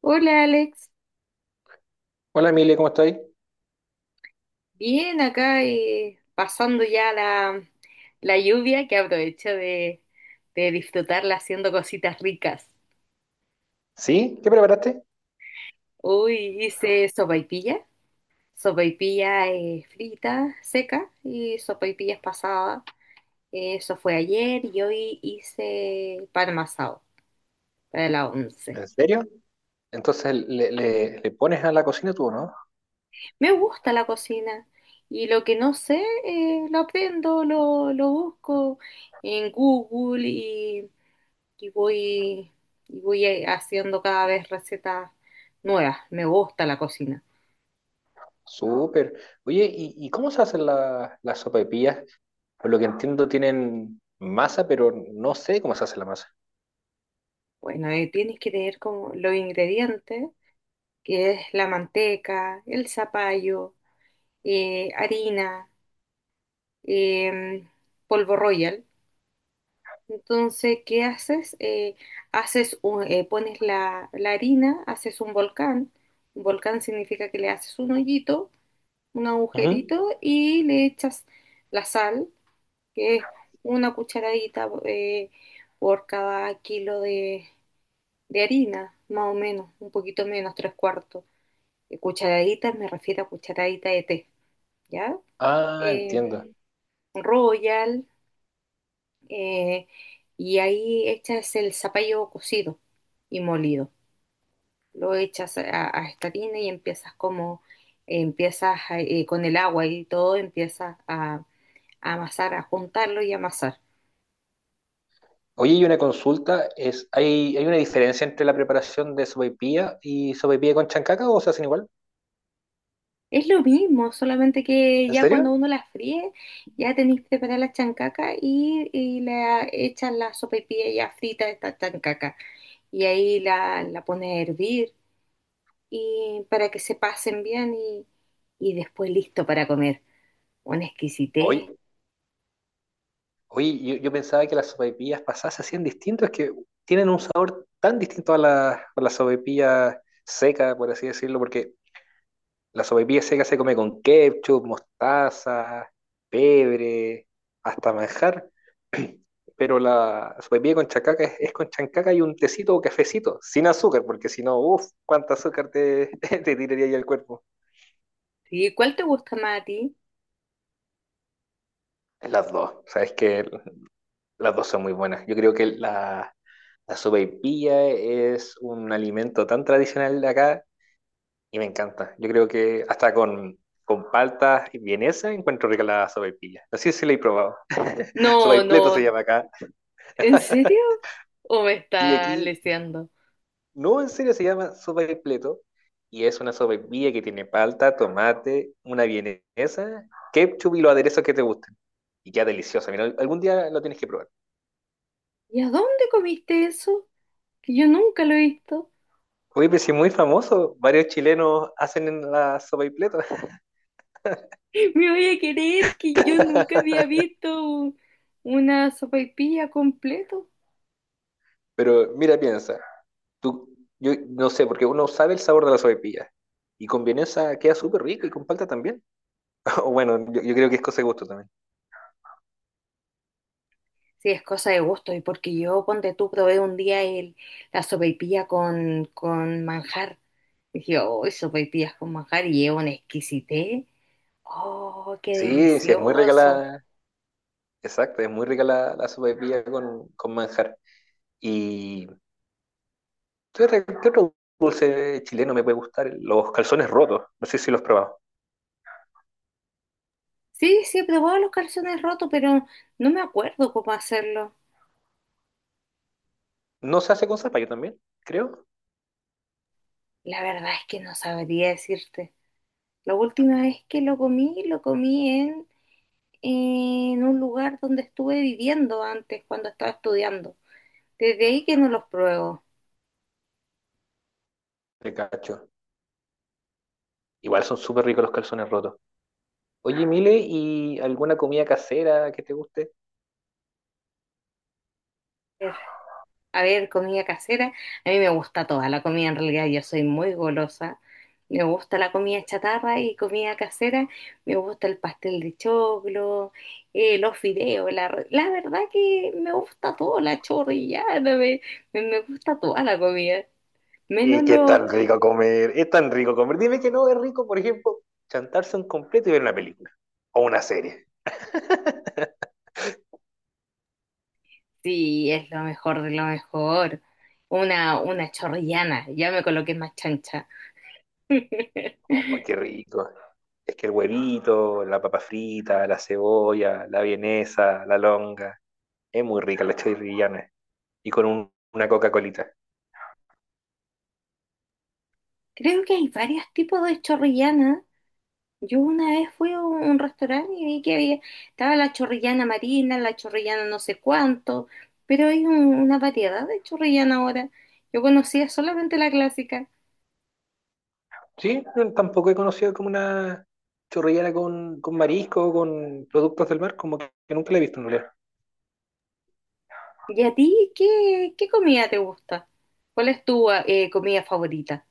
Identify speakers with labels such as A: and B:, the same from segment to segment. A: Hola Alex,
B: Hola Emilia, ¿cómo estáis?
A: bien acá pasando la lluvia que aprovecho de disfrutarla haciendo cositas ricas.
B: ¿Sí? ¿Qué preparaste?
A: Hoy hice sopaipilla, sopaipilla frita, seca y sopaipillas pasadas. Eso fue ayer y hoy hice pan masao para la once.
B: ¿En serio? Entonces le pones a la cocina tú, ¿no?
A: Me gusta la cocina y lo que no sé lo aprendo, lo busco en Google y voy, y voy haciendo cada vez recetas nuevas. Me gusta la cocina.
B: Súper. Oye, ¿y cómo se hacen las sopaipillas? Por lo que entiendo tienen masa, pero no sé cómo se hace la masa.
A: Bueno, tienes que tener como los ingredientes, que es la manteca, el zapallo, harina, eh, polvo royal. Entonces, ¿qué haces? Pones la harina, haces un volcán. Un volcán significa que le haces un hoyito, un
B: Ujú.
A: agujerito y le echas la sal que es una cucharadita por cada kilo de harina, más o menos, un poquito menos, tres cuartos. Cucharadita me refiero a cucharadita de té, ¿ya?
B: Ah,
A: Eh,
B: entiendo.
A: Royal, eh, y ahí echas el zapallo cocido y molido. Lo echas a esta harina y empiezas con el agua y todo, empiezas a amasar, a juntarlo y amasar.
B: Oye, y una consulta, es, ¿hay una diferencia entre la preparación de sopaipilla y sopaipilla con chancaca o se hacen igual?
A: Es lo mismo, solamente que
B: ¿En
A: ya
B: serio?
A: cuando uno la fríe, ya tenéis que preparar la chancaca y la echas la sopaipilla ya frita de esta chancaca. Y ahí la pones a hervir y para que se pasen bien y después listo para comer. Una exquisitez.
B: Oye, Oye, yo pensaba que las sopaipillas pasadas se hacían distintas, es que tienen un sabor tan distinto a la sopaipilla seca, por así decirlo, porque la sopaipilla seca se come con ketchup, mostaza, pebre, hasta manjar, pero la sopaipilla con chancaca es con chancaca y un tecito o cafecito, sin azúcar, porque si no, uff, cuánta azúcar te, te tiraría ahí al cuerpo.
A: ¿Y cuál te gusta más a ti?
B: Las dos, sabes que las dos son muy buenas. Yo creo que la sopaipilla es un alimento tan tradicional de acá y me encanta. Yo creo que hasta con palta y vienesa encuentro rica la sopaipilla. No sé si la he probado.
A: No,
B: Sopaipleto se
A: no.
B: llama acá.
A: ¿En serio? ¿O me
B: Sí,
A: está
B: aquí,
A: leseando?
B: no, en serio se llama sopaipleto y es una sopaipilla que tiene palta, tomate, una vienesa, ketchup y los aderezos que te gusten. Y queda deliciosa. Mira, algún día lo tienes que probar.
A: ¿Y a dónde comiste eso? Que yo nunca lo he visto.
B: Oye, pero sí, muy famoso, varios chilenos hacen en la sopaipileta.
A: Me voy a querer que yo nunca había visto una sopaipilla completo.
B: Pero mira, piensa, tú, yo no sé, porque uno sabe el sabor de la sopaipilla. Y con vienesa queda súper rico y con palta también. O bueno, yo creo que es cosa de gusto también.
A: Sí, es cosa de gusto y porque yo, ponte tú, probé un día la sopaipilla con manjar. Dije, oh, sopaipillas con manjar y es una exquisitez. Oh, qué
B: Sí, sí, es muy rica
A: delicioso.
B: la. Exacto, es muy rica la sopaipilla con manjar. ¿Y qué otro dulce chileno me puede gustar? Los calzones rotos. No sé si los he probado.
A: Sí, sí, he probado los calzones rotos, pero no me acuerdo cómo hacerlo.
B: No se hace con zapallo también, creo.
A: La verdad es que no sabría decirte. La última vez que lo comí en un lugar donde estuve viviendo antes cuando estaba estudiando. Desde ahí que no los pruebo.
B: De cacho. Igual son súper ricos los calzones rotos. Oye, Mile, ¿y alguna comida casera que te guste?
A: A ver, a ver, comida casera. A mí me gusta toda la comida, en realidad yo soy muy golosa. Me gusta la comida chatarra y comida casera. Me gusta el pastel de choclo, los fideos. La verdad que me gusta todo, la chorrillada. Me gusta toda la comida. Menos
B: Es que es
A: los.
B: tan rico comer, es tan rico comer. Dime que no es rico, por ejemplo, chantarse un completo y ver una película o una serie.
A: Sí, es lo mejor de lo mejor. Una chorrillana, ya me coloqué más chancha.
B: Oh, qué rico. Es que el huevito, la papa frita, la cebolla, la vienesa, la longa, es muy rica la chorrillana. Y con una Coca-Colita.
A: Creo que hay varios tipos de chorrillana. Yo una vez fui a un, restaurante y vi que había, estaba la chorrillana marina, la chorrillana no sé cuánto, pero hay una variedad de chorrillana ahora. Yo conocía solamente la clásica.
B: Sí, no, tampoco he conocido como una chorrillana con marisco, con productos del mar, como que nunca la he visto en realidad.
A: ¿Y a ti qué, qué comida te gusta? ¿Cuál es tu comida favorita?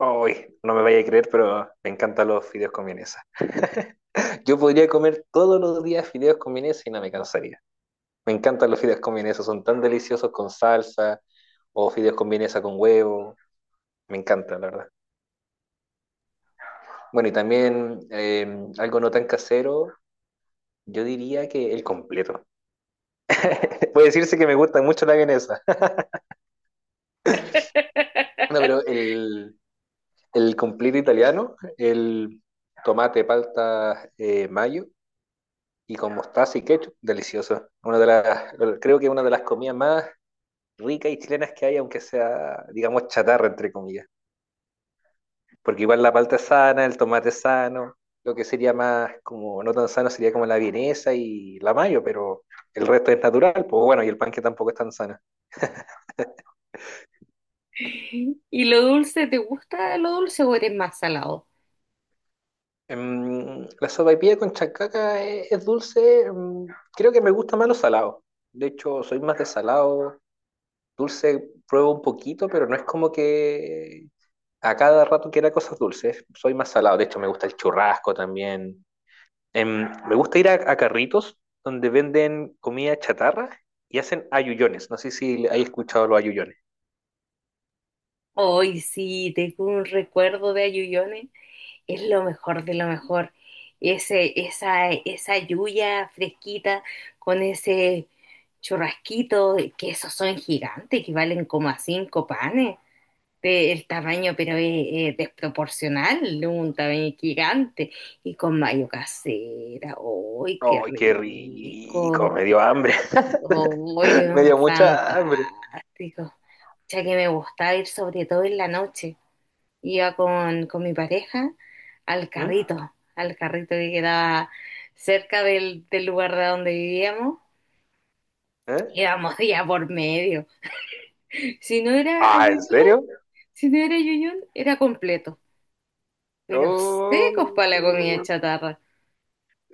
B: Uy, no me vaya a creer, pero me encantan los fideos con vienesa. Yo podría comer todos los días fideos con vienesa y no me cansaría. Me encantan los fideos con vienesa, son tan deliciosos con salsa o fideos con vienesa con huevo. Me encanta, la verdad. Bueno, y también algo no tan casero, yo diría que el completo. Puede decirse que me gusta mucho la vienesa. No, pero el completo italiano, el tomate, palta, mayo y con mostaza y ketchup, delicioso. Una de las, creo que es una de las comidas más ricas y chilenas que hay, aunque sea, digamos, chatarra, entre comillas. Porque igual la palta es sana, el tomate es sano, lo que sería más como, no tan sano sería como la vienesa y la mayo, pero el resto es natural, pues bueno, y el pan que tampoco es tan sano.
A: ¿Y lo dulce, te gusta lo dulce o eres más salado?
B: La sopaipilla con chancaca es dulce, creo que me gusta más lo salado. De hecho, soy más de salado, dulce pruebo un poquito, pero no es como que a cada rato quiera cosas dulces. Soy más salado. De hecho, me gusta el churrasco también. Me gusta ir a carritos donde venden comida chatarra y hacen ayuyones. No sé si hay escuchado los ayuyones.
A: Hoy sí, tengo un recuerdo de Ayuyone, es lo mejor de lo mejor. Ese, esa lluvia fresquita con ese churrasquito, que esos son gigantes, que valen como a cinco panes. El tamaño, pero es desproporcional, un tamaño gigante. Y con mayo casera, ¡ay, qué
B: ¡Ay, qué
A: rico!
B: rico! Me dio hambre.
A: ¡Ay,
B: Me dio mucha hambre.
A: fantástico! Ya que me gustaba ir sobre todo en la noche iba con mi pareja
B: ¿Mm?
A: al carrito que quedaba del lugar de donde vivíamos.
B: ¿Eh?
A: Íbamos día por medio. Si no era a
B: Ah, ¿en
A: Yuyún,
B: serio?
A: si no era Yuyún, era completo. Pero secos para la
B: Oh.
A: comida chatarra.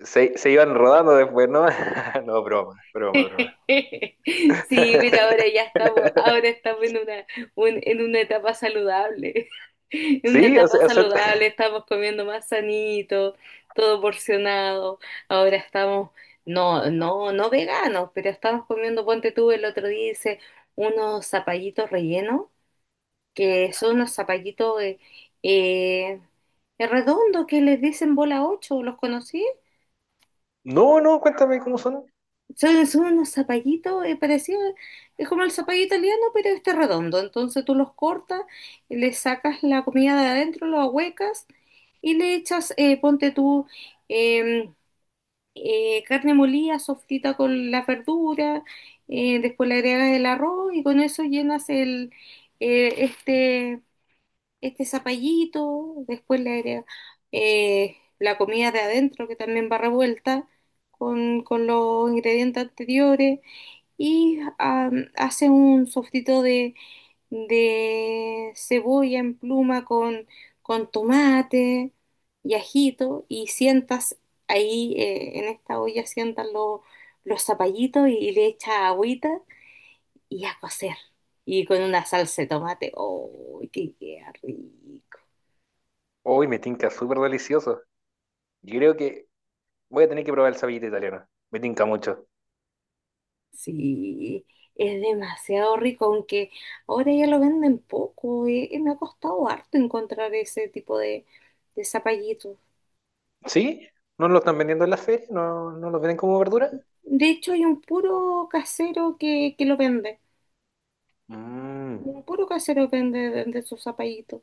B: Se iban rodando después, ¿no? No, broma, broma, broma.
A: Sí, mira, ahora ya estamos, ahora estamos en una, en una etapa saludable. En una
B: Sí,
A: etapa
B: o sea,
A: saludable, estamos comiendo más sanito, todo porcionado. Ahora estamos, no, no, no veganos, pero estamos comiendo, ponte tú, el otro día hice unos zapallitos rellenos, que son unos zapallitos eh, redondos que les dicen bola 8, ¿los conocí?
B: no, no, cuéntame cómo son.
A: Son, son unos zapallitos, parecido, es como el zapallo italiano, pero este redondo. Entonces tú los cortas, le sacas la comida de adentro, lo ahuecas y le echas, ponte tú, eh, carne molida, sofrita con la verdura, después le agregas el arroz y con eso llenas eh, este, este zapallito, después le agregas la comida de adentro que también va revuelta con los ingredientes anteriores y am, hace un sofrito de cebolla en pluma con tomate y ajito y sientas ahí en esta olla, los zapallitos y le echas agüita y a cocer. Y con una salsa de tomate, ¡oh, qué queda rico!
B: Uy, me tinca súper delicioso. Yo creo que voy a tener que probar el sapito italiano. Me tinca mucho.
A: Sí, es demasiado rico, aunque ahora ya lo venden poco, me ha costado harto encontrar ese tipo de zapallitos.
B: ¿Sí? ¿No lo están vendiendo en las ferias? ¿No, no los venden como verdura?
A: De hecho, hay un puro casero que lo vende.
B: Mm.
A: Un puro casero vende de sus zapallitos.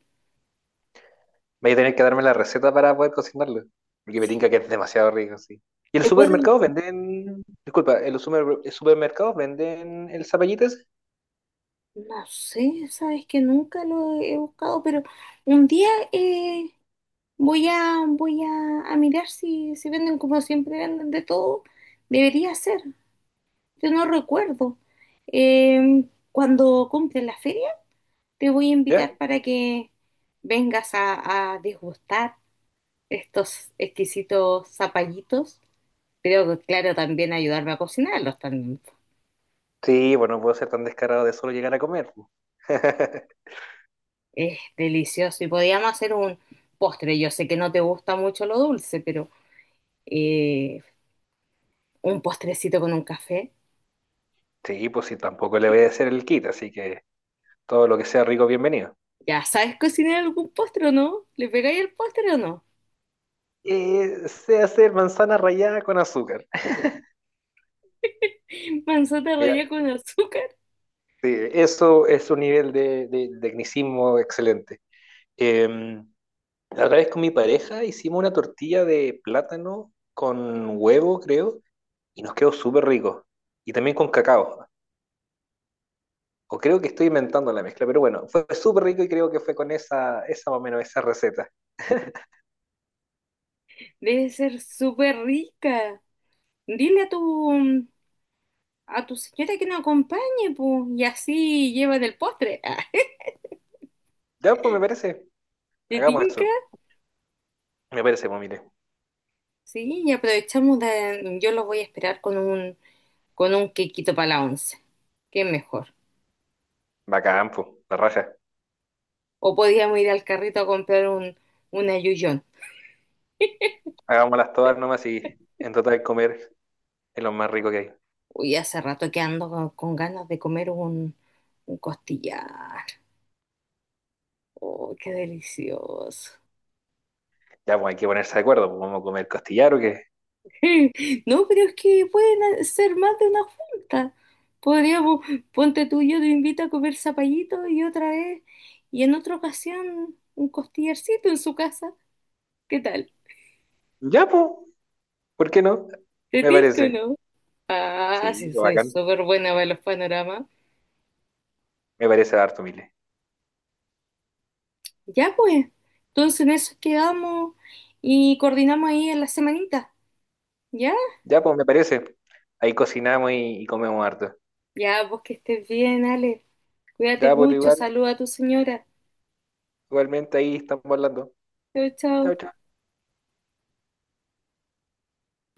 B: Voy a tener que darme la receta para poder cocinarlo. Porque me tinca que
A: Sí.
B: es demasiado rico, sí. ¿Y en los
A: Te puedo,
B: supermercados venden... Disculpa, ¿en los supermercados venden el zapallito ese?
A: no sé, sabes que nunca lo he buscado, pero un día voy a mirar si, si venden como siempre venden de todo. Debería ser, yo no recuerdo. Eh, cuando compren la feria, te voy a
B: ¿Ya?
A: invitar para que vengas a degustar estos exquisitos zapallitos. Creo que, claro, también ayudarme a cocinarlos también.
B: Sí, bueno, no puedo ser tan descarado de solo llegar a comer. Po.
A: Es delicioso. Y podíamos hacer un postre. Yo sé que no te gusta mucho lo dulce, pero eh, un postrecito con un café.
B: Sí, pues sí, tampoco le voy a hacer el kit, así que todo lo que sea rico, bienvenido.
A: ¿Ya sabes cocinar algún postre o no? ¿Le pegáis el postre o no?
B: Se hace manzana rallada con azúcar.
A: Manzana
B: Mira,
A: rallada con azúcar.
B: sí, eso es un nivel de tecnicismo excelente. La otra vez con mi pareja hicimos una tortilla de plátano con huevo, creo, y nos quedó súper rico. Y también con cacao. O creo que estoy inventando la mezcla, pero bueno, fue súper rico y creo que fue con esa, esa más o menos, esa receta.
A: Debe ser súper rica. Dile a tu señora que nos acompañe, pues, y así llevan el postre.
B: Ya, pues me parece,
A: ¿Te
B: hagamos
A: tinca?
B: eso. Me parece, pues mire,
A: Sí, y aprovechamos de... Yo los voy a esperar con un quequito para la once. Qué mejor.
B: bacán, pues, la raja.
A: O podíamos ir al carrito a comprar un ayuyón.
B: Hagámoslas todas nomás y en total comer es lo más rico que hay.
A: Uy, hace rato que ando con ganas de comer un costillar. Oh, qué delicioso.
B: Ya, pues hay que ponerse de acuerdo, pues vamos a comer costillar o qué.
A: No, pero es que pueden ser más de una junta. Podríamos, ponte tú y yo te invito a comer zapallito y otra vez, y en otra ocasión, un costillarcito en su casa. ¿Qué tal?
B: Ya, pues, ¿por qué no?
A: ¿Te
B: Me
A: tinca o
B: parece.
A: no? Ah,
B: Sí,
A: sí,
B: pues,
A: soy
B: bacán.
A: súper buena para los panoramas.
B: Me parece harto, Mile.
A: Ya pues, entonces en eso quedamos y coordinamos ahí en la semanita. ¿Ya?
B: Ya, pues, me parece. Ahí cocinamos y comemos harto.
A: Ya, pues que estés bien, Ale. Cuídate
B: Ya, pues,
A: mucho,
B: igual,
A: saluda a tu señora.
B: igualmente ahí estamos hablando.
A: Chao, chao.
B: Chao, chao.